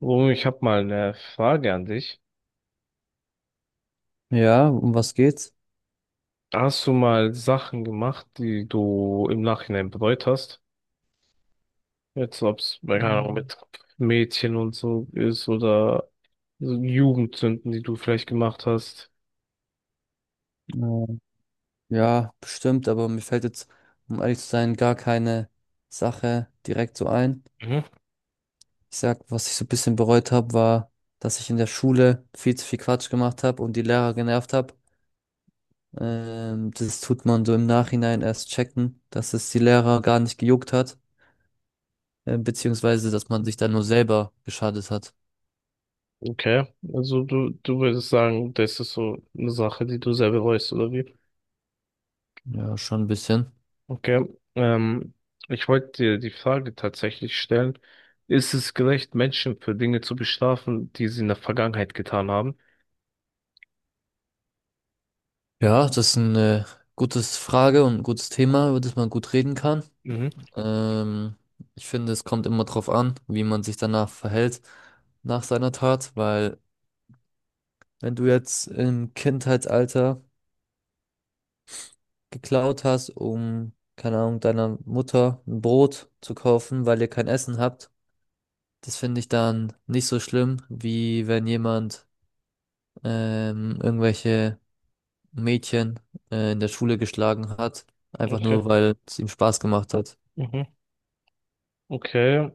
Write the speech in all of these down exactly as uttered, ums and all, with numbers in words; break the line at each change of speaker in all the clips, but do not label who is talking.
Oh, ich habe mal eine Frage an dich.
Ja, um was geht's?
Hast du mal Sachen gemacht, die du im Nachhinein bereut hast? Jetzt, ob es, keine Ahnung,
Mhm.
mit Mädchen und so ist oder so Jugendsünden, die du vielleicht gemacht hast.
Äh, Ja, bestimmt, aber mir fällt jetzt, um ehrlich zu sein, gar keine Sache direkt so ein.
Mhm.
Ich sag, was ich so ein bisschen bereut habe, war, dass ich in der Schule viel zu viel Quatsch gemacht habe und die Lehrer genervt habe. Ähm, das tut man so im Nachhinein erst checken, dass es die Lehrer gar nicht gejuckt hat, äh, beziehungsweise, dass man sich dann nur selber geschadet hat.
Okay, also du, du würdest sagen, das ist so eine Sache, die du sehr bereust, oder wie?
Ja, schon ein bisschen.
Okay, ähm, ich wollte dir die Frage tatsächlich stellen. Ist es gerecht, Menschen für Dinge zu bestrafen, die sie in der Vergangenheit getan haben?
Ja, das ist eine gute Frage und ein gutes Thema, über das man gut reden kann.
Mhm.
Ähm, Ich finde, es kommt immer drauf an, wie man sich danach verhält nach seiner Tat, weil wenn du jetzt im Kindheitsalter geklaut hast, um, keine Ahnung, deiner Mutter ein Brot zu kaufen, weil ihr kein Essen habt, das finde ich dann nicht so schlimm, wie wenn jemand ähm, irgendwelche Mädchen äh, in der Schule geschlagen hat, einfach nur,
Okay.
weil es ihm Spaß gemacht hat.
Mhm. Okay,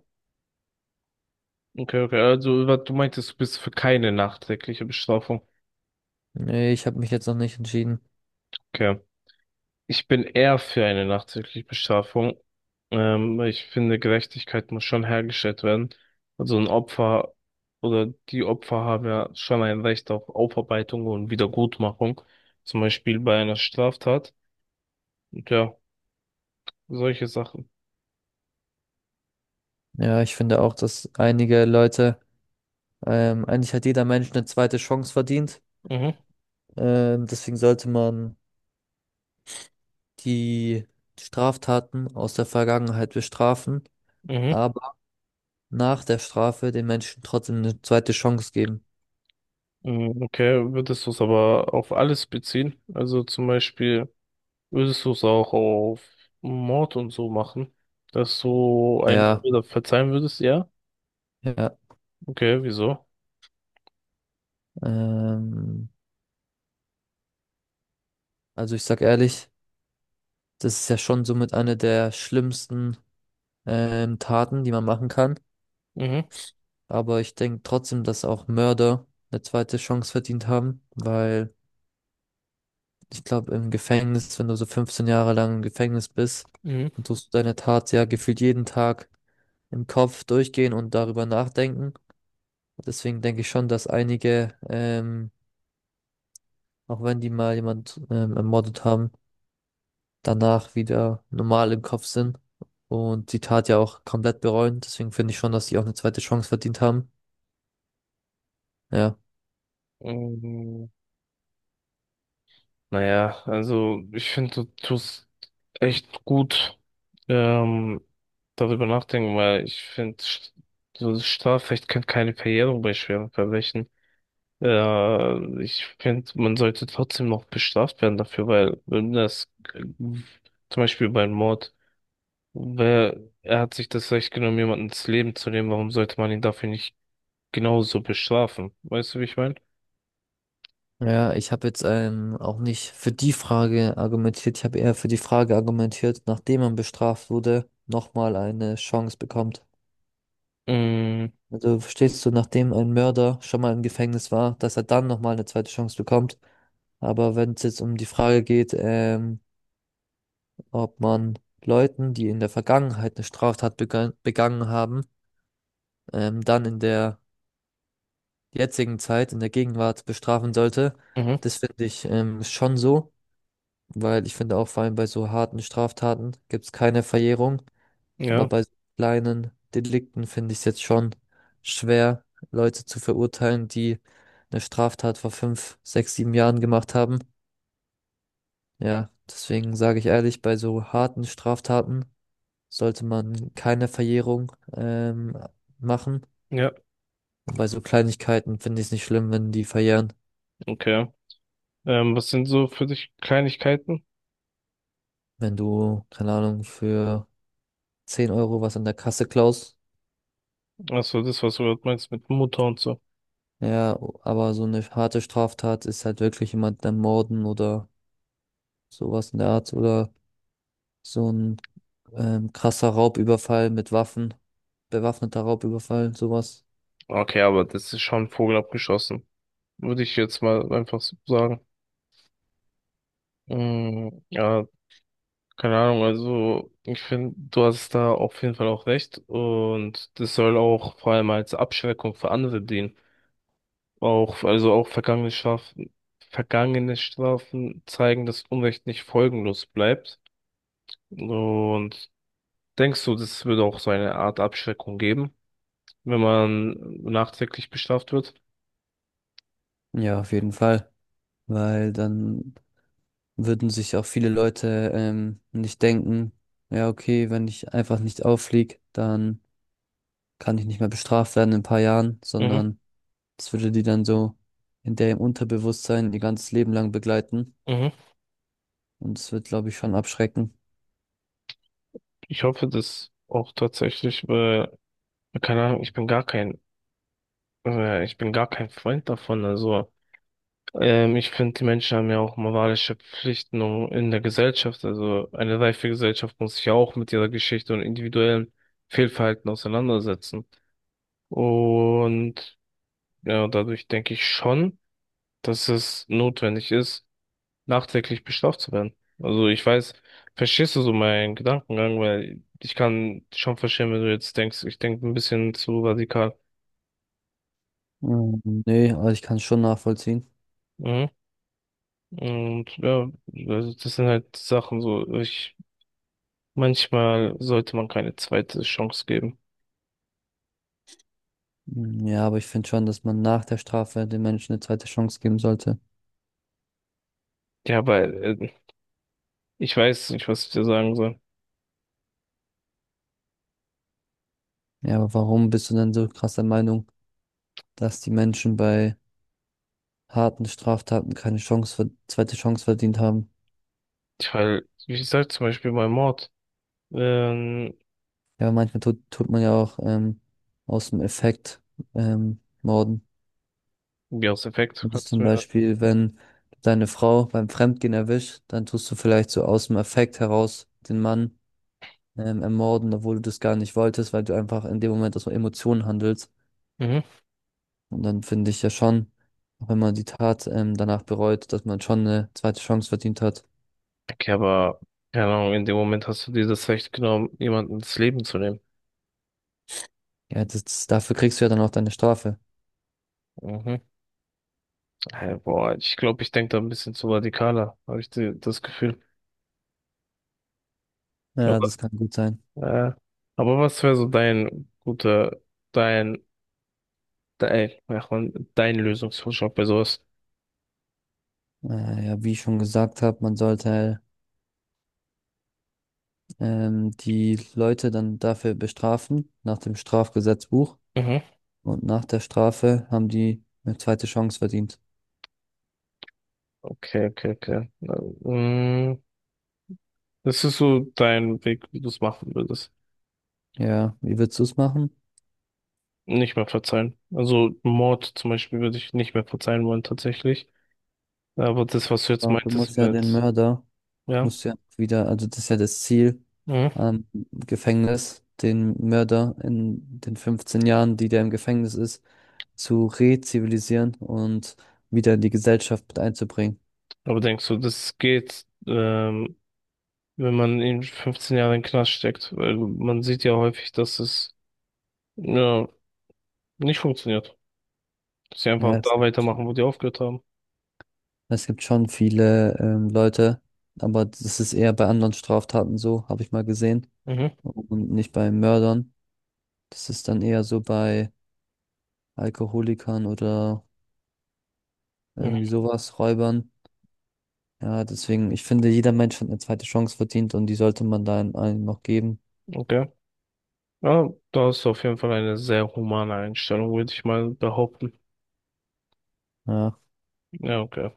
okay, okay. Also, wa- du meintest, du bist für keine nachträgliche Bestrafung.
Nee, ich habe mich jetzt noch nicht entschieden.
Okay. Ich bin eher für eine nachträgliche Bestrafung. Ähm, weil ich finde, Gerechtigkeit muss schon hergestellt werden. Also ein Opfer oder die Opfer haben ja schon ein Recht auf Aufarbeitung und Wiedergutmachung. Zum Beispiel bei einer Straftat. Und ja, solche Sachen.
Ja, ich finde auch, dass einige Leute Ähm, eigentlich hat jeder Mensch eine zweite Chance verdient.
Mhm,
Ähm, deswegen sollte man die Straftaten aus der Vergangenheit bestrafen,
mhm.
aber nach der Strafe den Menschen trotzdem eine zweite Chance geben.
Mhm, okay, würdest du es aber auf alles beziehen? Also zum Beispiel. Würdest du es auch auf Mord und so machen? Dass du einen
Ja,
Mörder verzeihen würdest? Ja?
ja.
Okay, wieso?
Ähm, also ich sag ehrlich, das ist ja schon somit eine der schlimmsten ähm, Taten, die man machen kann.
Mhm.
Aber ich denke trotzdem, dass auch Mörder eine zweite Chance verdient haben, weil ich glaube, im Gefängnis, wenn du so fünfzehn Jahre lang im Gefängnis bist,
Mhm.
dann tust du deine Tat ja gefühlt jeden Tag im Kopf durchgehen und darüber nachdenken. Deswegen denke ich schon, dass einige, ähm, auch wenn die mal jemand ähm, ermordet haben, danach wieder normal im Kopf sind und die Tat ja auch komplett bereuen. Deswegen finde ich schon, dass die auch eine zweite Chance verdient haben. Ja.
Ähm, naja, also ich finde, du tust echt gut ähm, darüber nachdenken, weil ich finde, so das Strafrecht kennt keine Verjährung bei schweren Verbrechen. Äh, ich finde, man sollte trotzdem noch bestraft werden dafür, weil wenn das äh, zum Beispiel beim Mord Wer, er hat sich das Recht genommen, jemanden ins Leben zu nehmen. Warum sollte man ihn dafür nicht genauso bestrafen? Weißt du, wie ich meine?
Ja, ich habe jetzt ähm, auch nicht für die Frage argumentiert. Ich habe eher für die Frage argumentiert, nachdem man bestraft wurde, nochmal eine Chance bekommt.
Mhm.
Also verstehst du, nachdem ein Mörder schon mal im Gefängnis war, dass er dann nochmal eine zweite Chance bekommt. Aber wenn es jetzt um die Frage geht, ähm, ob man Leuten, die in der Vergangenheit eine Straftat begangen, begangen haben, ähm, dann in der jetzigen Zeit, in der Gegenwart bestrafen sollte,
Mhm.
das finde ich ähm, schon so. Weil ich finde auch vor allem bei so harten Straftaten gibt es keine Verjährung, aber
Ja.
bei so kleinen Delikten finde ich es jetzt schon schwer, Leute zu verurteilen, die eine Straftat vor fünf, sechs, sieben Jahren gemacht haben. Ja, deswegen sage ich ehrlich, bei so harten Straftaten sollte man keine Verjährung ähm, machen.
Ja.
Und bei so Kleinigkeiten finde ich es nicht schlimm, wenn die verjähren.
Okay. Ähm, was sind so für dich Kleinigkeiten?
Wenn du, keine Ahnung, für zehn Euro was an der Kasse klaust,
Achso, das, was du gerade meinst mit Mutter und so.
ja, aber so eine harte Straftat ist halt wirklich jemand dann morden oder sowas in der Art oder so ein ähm, krasser Raubüberfall mit Waffen, bewaffneter Raubüberfall, sowas.
Okay, aber das ist schon Vogel abgeschossen. Würde ich jetzt mal einfach so sagen. Mhm. Ja, keine Ahnung. Also, ich finde, du hast da auf jeden Fall auch recht. Und das soll auch vor allem als Abschreckung für andere dienen. Auch, also auch vergangene Strafen, vergangene Strafen zeigen, dass Unrecht nicht folgenlos bleibt. Und denkst du, das würde auch so eine Art Abschreckung geben, wenn man nachträglich bestraft wird?
Ja, auf jeden Fall, weil dann würden sich auch viele Leute ähm, nicht denken, ja, okay, wenn ich einfach nicht auffliege, dann kann ich nicht mehr bestraft werden in ein paar Jahren,
Mhm,
sondern das würde die dann so in der im Unterbewusstsein ihr ganzes Leben lang begleiten
mhm.
und es wird, glaube ich, schon abschrecken.
Ich hoffe das auch tatsächlich, weil, keine Ahnung, ich bin gar kein, äh, ich bin gar kein Freund davon. Also Ähm, ich finde, die Menschen haben ja auch moralische Pflichten um- in der Gesellschaft. Also eine reife Gesellschaft muss sich ja auch mit ihrer Geschichte und individuellen Fehlverhalten auseinandersetzen. Und ja, dadurch denke ich schon, dass es notwendig ist, nachträglich bestraft zu werden. Also ich weiß, verstehst du so meinen Gedankengang, weil ich kann schon verstehen, wenn du jetzt denkst, ich denke ein bisschen zu radikal.
Mm, nee, also ich kann es schon nachvollziehen.
Mhm. Und ja, also das sind halt Sachen so, ich manchmal sollte man keine zweite Chance geben.
Mm, ja, aber ich finde schon, dass man nach der Strafe den Menschen eine zweite Chance geben sollte.
Ja, aber äh, ich weiß nicht, was ich dir sagen soll.
Ja, aber warum bist du denn so krass der Meinung, dass die Menschen bei harten Straftaten keine Chance, ver- zweite Chance verdient haben?
Ich halt, ich sag zum Beispiel bei Mord, ähm,
Ja, manchmal tut, tut man ja auch ähm, aus dem Effekt ähm, morden.
ja, aus Effekt,
Das ist
kannst du
zum
mir.
Beispiel, wenn du deine Frau beim Fremdgehen erwischt, dann tust du vielleicht so aus dem Effekt heraus den Mann ähm, ermorden, obwohl du das gar nicht wolltest, weil du einfach in dem Moment aus Emotionen handelst.
Mhm.
Und dann finde ich ja schon, auch wenn man die Tat ähm, danach bereut, dass man schon eine zweite Chance verdient hat.
Okay, aber, keine Ahnung, in dem Moment hast du dir das Recht genommen, jemanden ins Leben zu nehmen.
Ja, das, dafür kriegst du ja dann auch deine Strafe.
Mhm. Äh, boah, ich glaube, ich denke da ein bisschen zu radikaler, habe ich die, das Gefühl.
Ja,
Aber,
das kann gut sein.
äh, aber was wäre so dein guter, dein, dein, ach man, dein Lösungsvorschlag bei sowas?
Äh, ja, wie ich schon gesagt habe, man sollte ähm, die Leute dann dafür bestrafen, nach dem Strafgesetzbuch.
Mhm.
Und nach der Strafe haben die eine zweite Chance verdient.
Okay, okay, okay. Na, mm, das ist so dein Weg, wie du es machen würdest.
Ja, wie würdest du es machen?
Nicht mehr verzeihen. Also Mord zum Beispiel würde ich nicht mehr verzeihen wollen, tatsächlich. Aber das, was du jetzt
Aber du
meintest,
musst ja den
wird,
Mörder
ja.
musst du ja wieder, also das ist ja das Ziel
Mhm.
am Gefängnis, den Mörder in den fünfzehn Jahren, die der im Gefängnis ist, zu rezivilisieren und wieder in die Gesellschaft mit einzubringen.
Aber denkst du, das geht, ähm, wenn man in fünfzehn Jahren in den Knast steckt? Weil man sieht ja häufig, dass es, ja, nicht funktioniert. Dass sie
Ja,
einfach
es
da
gibt,
weitermachen, wo die aufgehört haben.
es gibt schon viele ähm, Leute, aber das ist eher bei anderen Straftaten so, habe ich mal gesehen,
Mhm.
und nicht bei Mördern. Das ist dann eher so bei Alkoholikern oder
Mhm.
irgendwie sowas, Räubern. Ja, deswegen, ich finde, jeder Mensch hat eine zweite Chance verdient und die sollte man dann allen noch geben.
Okay. Ja, da hast du auf jeden Fall eine sehr humane Einstellung, würde ich mal behaupten.
Ja.
Ja, okay.